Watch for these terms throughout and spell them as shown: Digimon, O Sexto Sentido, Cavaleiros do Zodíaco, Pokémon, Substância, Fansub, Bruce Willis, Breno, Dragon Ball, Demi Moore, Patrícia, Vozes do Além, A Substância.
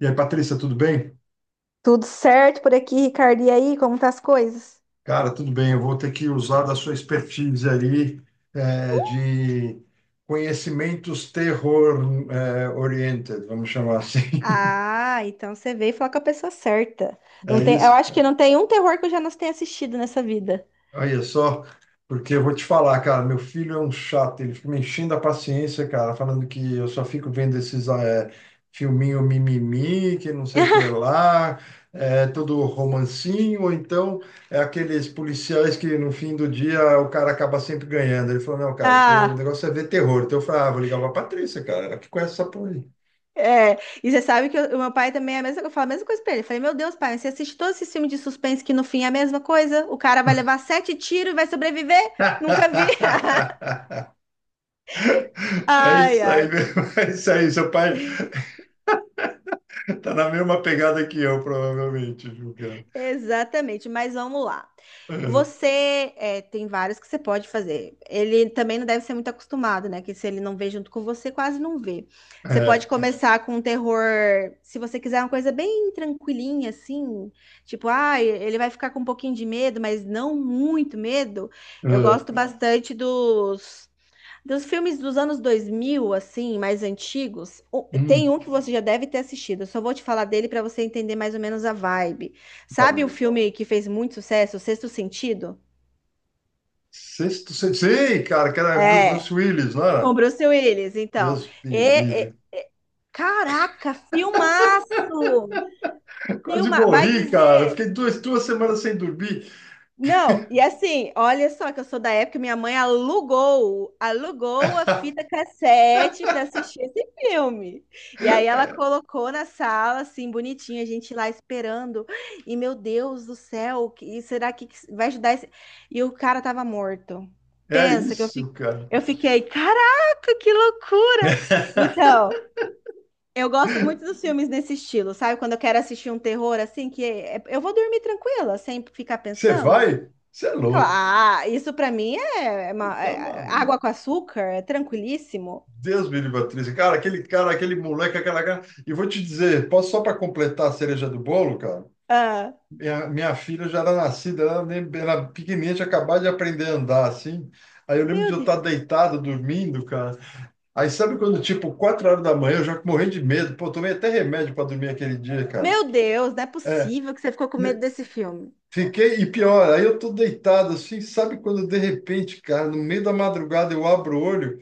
E aí, Patrícia, tudo bem? Tudo certo por aqui, Ricardo? E aí, como tá as coisas? Cara, tudo bem. Eu vou ter que usar da sua expertise ali de conhecimentos terror oriented, vamos chamar assim. Ah, então você veio falar com a pessoa certa. Não É tem, eu isso, acho que cara? não tem um terror que eu já não tenha assistido nessa vida. Olha só, porque eu vou te falar, cara, meu filho é um chato, ele fica me enchendo a paciência, cara, falando que eu só fico vendo esses filminho mimimi, que não sei o que lá, é, todo romancinho, ou então é aqueles policiais que no fim do dia o cara acaba sempre ganhando. Ele falou: "Não, cara, o Ah, negócio é ver terror." Então eu falei: "Ah, vou ligar pra Patrícia, cara, ela que conhece essa porra aí." é. E você sabe que o meu pai também é a mesma, eu falo a mesma coisa pra ele. Eu falei, meu Deus, pai, você assiste todos esses filmes de suspense que no fim é a mesma coisa? O cara vai levar sete tiros e vai sobreviver? Nunca vi. É Ai, isso aí ai. mesmo, é isso aí, seu pai. Tá na mesma pegada que eu, provavelmente, julgando. Exatamente, mas vamos lá. É, Você é, tem vários que você pode fazer. Ele também não deve ser muito acostumado, né? Que se ele não vê junto com você, quase não vê. Você pode, é, é, começar com um terror, se você quiser uma coisa bem tranquilinha, assim, tipo, ah, ele vai ficar com um pouquinho de medo, mas não muito medo. Eu é. gosto, hum, bastante dos. Dos filmes dos anos 2000, assim, mais antigos, tem Hum, um que você já deve ter assistido. Eu só vou te falar dele para você entender mais ou menos a vibe. Sabe o falei. filme que fez muito sucesso, O Sexto Sentido? Sexto, sexto. Sei, cara, que era É, Bruce Willis, não com era? Bruce Willis, então. Deus E, me e- livre. e- Caraca, filmaço! Quase Filma, vai morri, cara. Eu dizer. fiquei 2 semanas sem dormir. Não, e assim, olha só que eu sou da época, minha mãe alugou a fita cassete para assistir esse filme. E aí ela colocou na sala, assim, bonitinha, a gente lá esperando. E meu Deus do céu, que será que vai ajudar esse... E o cara tava morto. É Pensa que isso, cara. eu fiquei, caraca, que loucura! Então, eu gosto muito dos filmes nesse estilo, sabe? Quando eu quero assistir um terror assim, eu vou dormir tranquila, sem ficar Você pensando. vai? Você é louco. Claro, isso pra mim é uma-, Tá é maluco. água com açúcar, é tranquilíssimo. Deus me livre, atriz. Cara, aquele moleque, aquela cara. E vou te dizer, posso só para completar a cereja do bolo, cara? Ah, Minha filha já era nascida, ela nem era pequenininha, tinha acabado de aprender a andar, assim. Aí eu lembro de meu eu estar Deus. deitado, dormindo, cara. Aí sabe quando, tipo, 4 horas da manhã, eu já morri de medo. Pô, tomei até remédio para dormir aquele dia, cara. Meu Deus, não é possível que você ficou com Ne- medo desse filme. Fiquei, e pior, aí eu tô deitado, assim, sabe quando, de repente, cara, no meio da madrugada eu abro o olho,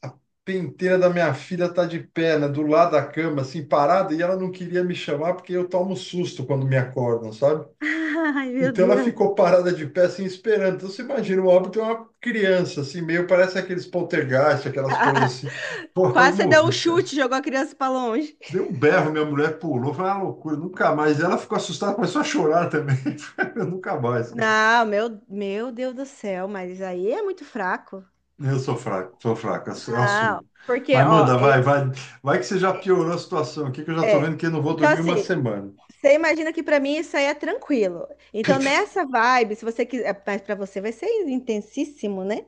a penteira da minha filha tá de perna, do lado da cama, assim, parada, e ela não queria me chamar porque eu tomo susto quando me acordam, sabe? Ai, meu Então ela Deus. ficou parada de pé, assim, esperando. Então você imagina, o óbito é uma criança, assim, meio parece aqueles poltergeist, aquelas coisas assim. Pô, quase Quase você deu um morri, cara. chute, jogou a criança pra longe. Deu um berro, minha mulher pulou, foi uma loucura, nunca mais. Ela ficou assustada, começou a chorar também. Eu nunca mais, cara. Não, meu Deus do céu, mas aí é muito fraco. Eu sou fraco, eu Não, assumo. porque, Mas ó, manda, vai, vai. Vai que você já piorou a situação aqui, que eu já tô é, é. vendo que eu não vou Então, dormir uma assim, semana. você imagina que pra mim isso aí é tranquilo. Então, nessa vibe, se você quiser, mas para você vai ser intensíssimo, né?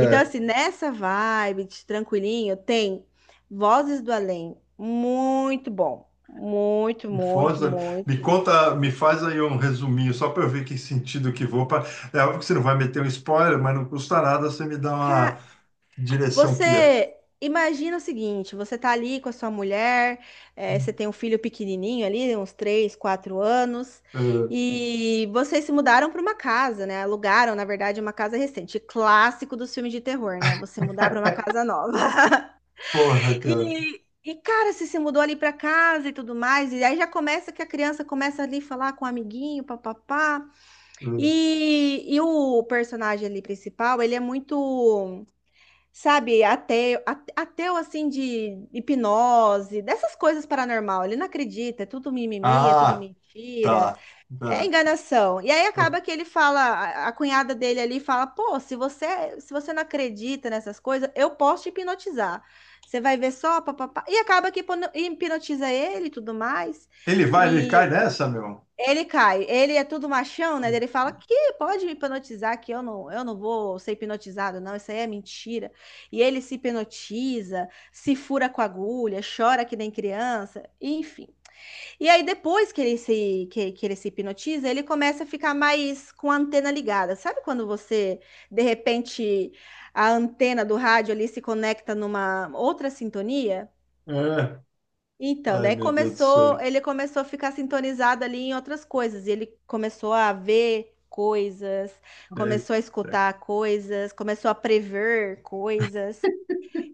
Então, assim, nessa vibe de tranquilinho, tem Vozes do Além. Muito bom. Muito, Foz, muito, me muito. conta, me faz aí um resuminho, só para eu ver que sentido que vou. Pra... é óbvio que você não vai meter um spoiler, mas não custa nada você me dar uma Cara, que direção que é. você imagina o seguinte: você tá ali com a sua mulher, você tem um filho pequenininho ali, uns 3, 4 anos, Eh, e vocês se mudaram para uma casa, né? Alugaram, na verdade, uma casa recente, clássico dos filmes de terror, né? Você mudar para uma casa nova. Porra, cara. Cara, você se mudou ali para casa e tudo mais, e aí já começa que a criança começa ali a falar com o amiguinho, papapá. Eh, E o personagem ali principal, ele é muito. Sabe, ateu, ateu assim de hipnose, dessas coisas paranormal. Ele não acredita, é tudo mimimi, é tudo ah, mentira, tá. é Tá. enganação. E aí acaba que ele fala, a cunhada dele ali fala: "Pô, se você não acredita nessas coisas, eu posso te hipnotizar. Você vai ver só, papapá". E acaba que hipnotiza ele e tudo mais. Ele vai, ele cai nessa, meu? Ele cai. Ele é tudo machão, né? Ele fala que pode me hipnotizar, que eu não vou ser hipnotizado, não. Isso aí é mentira. E ele se hipnotiza, se fura com a agulha, chora que nem criança, enfim. E aí depois que ele se hipnotiza, ele começa a ficar mais com a antena ligada. Sabe quando você de repente a antena do rádio ali se conecta numa outra sintonia? É. Então, Ai, daí meu Deus do começou, céu. ele começou a ficar sintonizado ali em outras coisas, e ele começou a ver coisas, começou a Eita. escutar coisas, começou a prever coisas,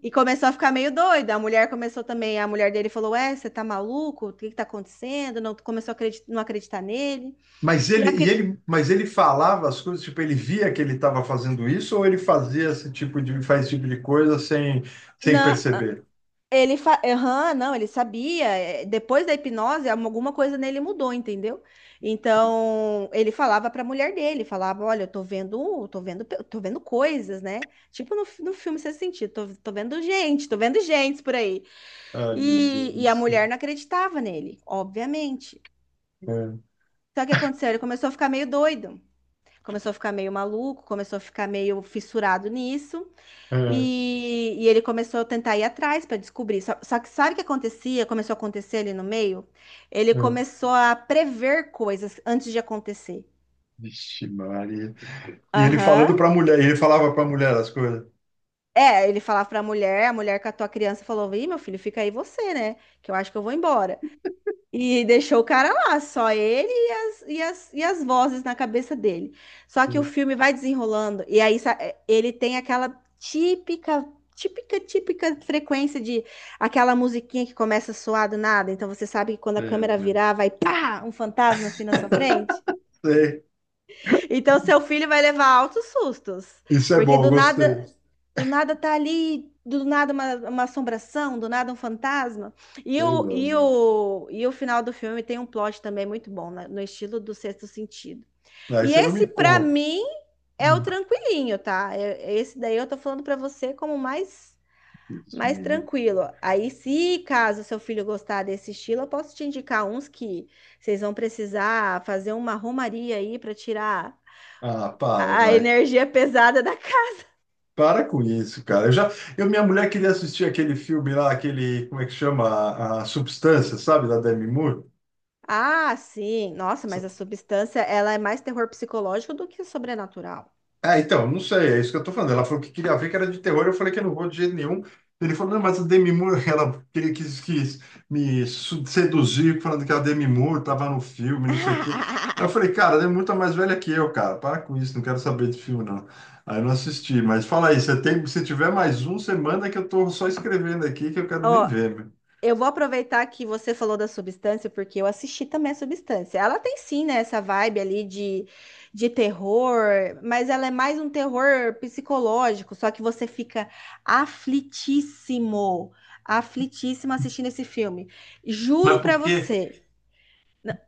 e começou a ficar meio doido. A mulher começou também, a mulher dele falou: Ué, você tá maluco? O que que tá acontecendo? Não começou a acreditar, não acreditar nele. Mas E a, ele, e cri- ele, mas ele falava as coisas, tipo, ele via que ele estava fazendo isso ou ele fazia esse tipo de, faz esse tipo de coisa sem, sem não. perceber? Aham, não, ele sabia. É, depois da hipnose, alguma coisa nele mudou, entendeu? Então, ele falava pra mulher dele, falava, olha, tô vendo, tô vendo coisas, né? Tipo no, no filme Sexto Sentido, tô vendo gente por aí. Ai, meu E, Deus do e a céu. mulher não acreditava nele, obviamente. Só que o que aconteceu? Ele começou a ficar meio doido, começou a ficar meio maluco, começou a ficar meio fissurado nisso. É, é, E ele começou a tentar ir atrás para descobrir. Só que sabe o que acontecia? Começou a acontecer ali no meio? Ele é. começou a prever coisas antes de acontecer. Vixe, Maria. E ele Aham. falando para a mulher, e ele falava para a mulher as coisas. É, ele falava pra mulher, a mulher catou a criança e falou: Ih, meu filho, fica aí você, né? Que eu acho que eu vou embora. E deixou o cara lá, só ele e e as vozes na cabeça dele. Só que o filme vai desenrolando, e aí ele tem aquela típica, típica frequência de aquela musiquinha que começa a soar do nada. Então você sabe que quando É, a câmera mano. virar, vai pá, um fantasma assim na sua frente. Sei. Então, seu filho vai levar altos sustos, Isso é porque bom, gostei. do nada tá ali, do nada uma assombração, do nada um fantasma. E Sei o, lá, e mano. o, e o final do filme tem um plot também muito bom, né, no estilo do Sexto Sentido. Aí E você não esse, me pra conta. mim, é o Hum, tranquilinho, tá? É- esse daí eu tô falando pra você como mais, Deus mais me livre. tranquilo. Aí, se caso seu filho gostar desse estilo, eu posso te indicar uns que vocês vão precisar fazer uma romaria aí pra tirar Ah, para, a vai. energia pesada da casa. Para com isso, cara. Minha mulher queria assistir aquele filme lá, aquele, como é que chama? A Substância, sabe? Da Demi Moore. Ah, sim. Nossa, mas a substância, ela é mais terror psicológico do que sobrenatural. É, então, não sei, é isso que eu tô falando. Ela falou que queria ver que era de terror, eu falei que eu não vou de jeito nenhum. Ele falou: "Não, mas a Demi Moore", ela queria, quis seduzir falando que a Demi Moore tava no filme, não sei o quê. Aí eu falei: "Cara, ela é muito mais velha que eu, cara, para com isso, não quero saber de filme, não." Aí eu não assisti, mas fala aí, você tem, se tiver mais um, você manda que eu tô só escrevendo aqui, que eu quero nem Ó, ver, meu. eu vou aproveitar que você falou da substância, porque eu assisti também a substância. Ela tem sim, né, essa vibe ali de terror, mas ela é mais um terror psicológico, só que você fica aflitíssimo, aflitíssimo assistindo esse filme. Juro Mas por pra quê? você,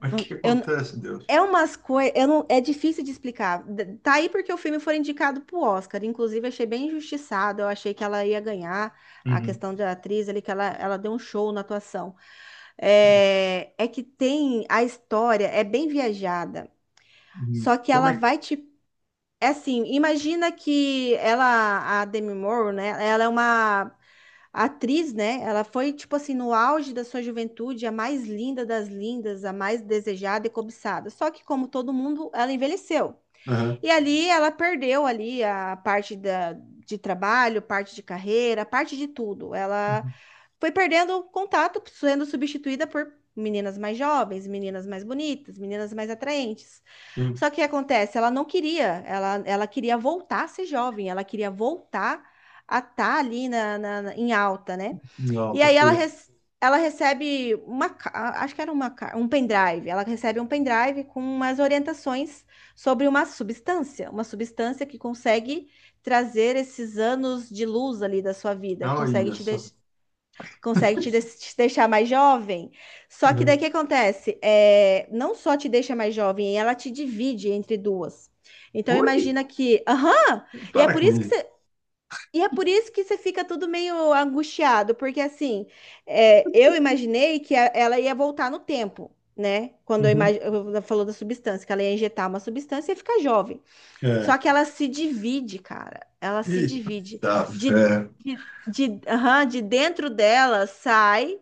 Mas o que que eu, acontece, Deus? é umas coisas, é difícil de explicar. Tá aí porque o filme foi indicado pro Oscar. Inclusive, achei bem injustiçado. Eu achei que ela ia ganhar a Uhum. questão da atriz ali, que ela deu um show na atuação. É, é que tem a história, é bem viajada. Uhum. Só que Como ela é que... vai te. É assim, imagina que ela, a Demi Moore, né? Ela é uma a atriz, né? Ela foi, tipo assim, no auge da sua juventude, a mais linda das lindas, a mais desejada e cobiçada. Só que, como todo mundo, ela envelheceu. Aham. E ali ela perdeu ali a parte da, de trabalho, parte de carreira, parte de tudo. Ela foi perdendo contato, sendo substituída por meninas mais jovens, meninas mais bonitas, meninas mais atraentes. Uhum. Só que o que acontece? Ela não queria, ela queria voltar a ser jovem, ela queria voltar a estar ali na, em alta, né? Não, E tá aí certo. Ela recebe uma, acho que era uma, um pendrive. Ela recebe um pendrive com umas orientações sobre uma substância que consegue trazer esses anos de luz ali da sua vida, Olha só. Consegue te, te deixar mais jovem. Só que daí o Uhum. que acontece? É, não só te deixa mais jovem, ela te divide entre duas. Então Oi, imagina que, aham, e é para por com isso que isso. você e é por isso que você fica tudo meio angustiado, porque assim, é, eu imaginei que ela ia voltar no tempo, né? Quando Uhum. Falou da substância, que ela ia injetar uma substância e ia ficar jovem. É. Só que ela se divide, cara. Ela se divide. Eita De, fé. Aham, de dentro dela sai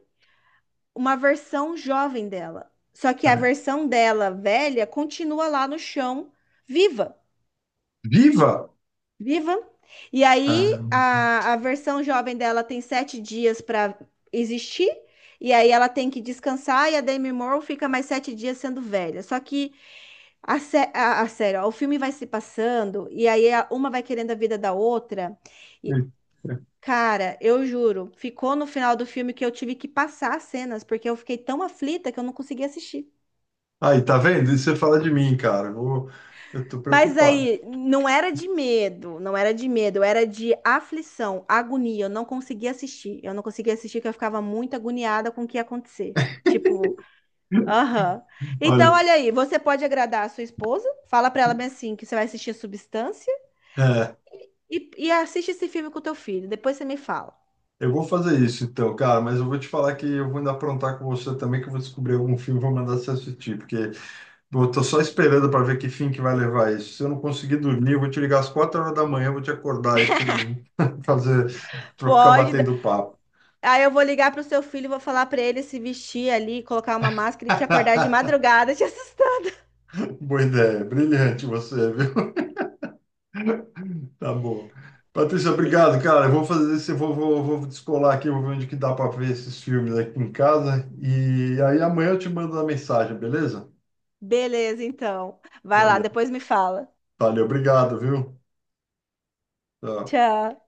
uma versão jovem dela. Só que a versão dela velha continua lá no chão, viva. Viva! Viva! E Ah, aí, a versão jovem dela tem sete dias para existir, e aí ela tem que descansar, e a Demi Moore fica mais sete dias sendo velha. Só que a sério, ó, o filme vai se passando, e aí uma vai querendo a vida da outra. e- E, é. cara, eu juro, ficou no final do filme que eu tive que passar as cenas, porque eu fiquei tão aflita que eu não consegui assistir. Aí, tá vendo? Isso você fala de mim, cara. Eu tô Mas preocupado. aí, não era de medo, não era de medo, era de aflição, agonia. Eu não conseguia assistir. Eu não conseguia assistir porque eu ficava muito agoniada com o que ia acontecer. Tipo, aham. Então, Olha, olha aí, você pode agradar a sua esposa, fala pra ela bem assim que você vai assistir Substância é, e assiste esse filme com o teu filho. Depois você me fala. eu vou fazer isso então, cara, mas eu vou te falar que eu vou ainda aprontar com você também, que eu vou descobrir algum filme e vou mandar você assistir, porque eu tô só esperando para ver que fim que vai levar isso. Se eu não conseguir dormir, eu vou te ligar às 4 horas da manhã, eu vou te acordar aí pra você me fazer, pra ficar Pode. dar- batendo papo. Aí eu vou ligar pro seu filho, e vou falar pra ele se vestir ali, colocar uma máscara e te acordar de madrugada, te assustar. Boa ideia, brilhante você, viu? Tá bom. Patrícia, E- obrigado, cara. Eu vou fazer isso, eu vou, vou, vou descolar aqui, vou ver onde que dá para ver esses filmes aqui em casa. E aí amanhã eu te mando uma mensagem, beleza? Beleza, então. Vai lá, Valeu, depois me fala. valeu, obrigado, viu? Tchau. Tchau.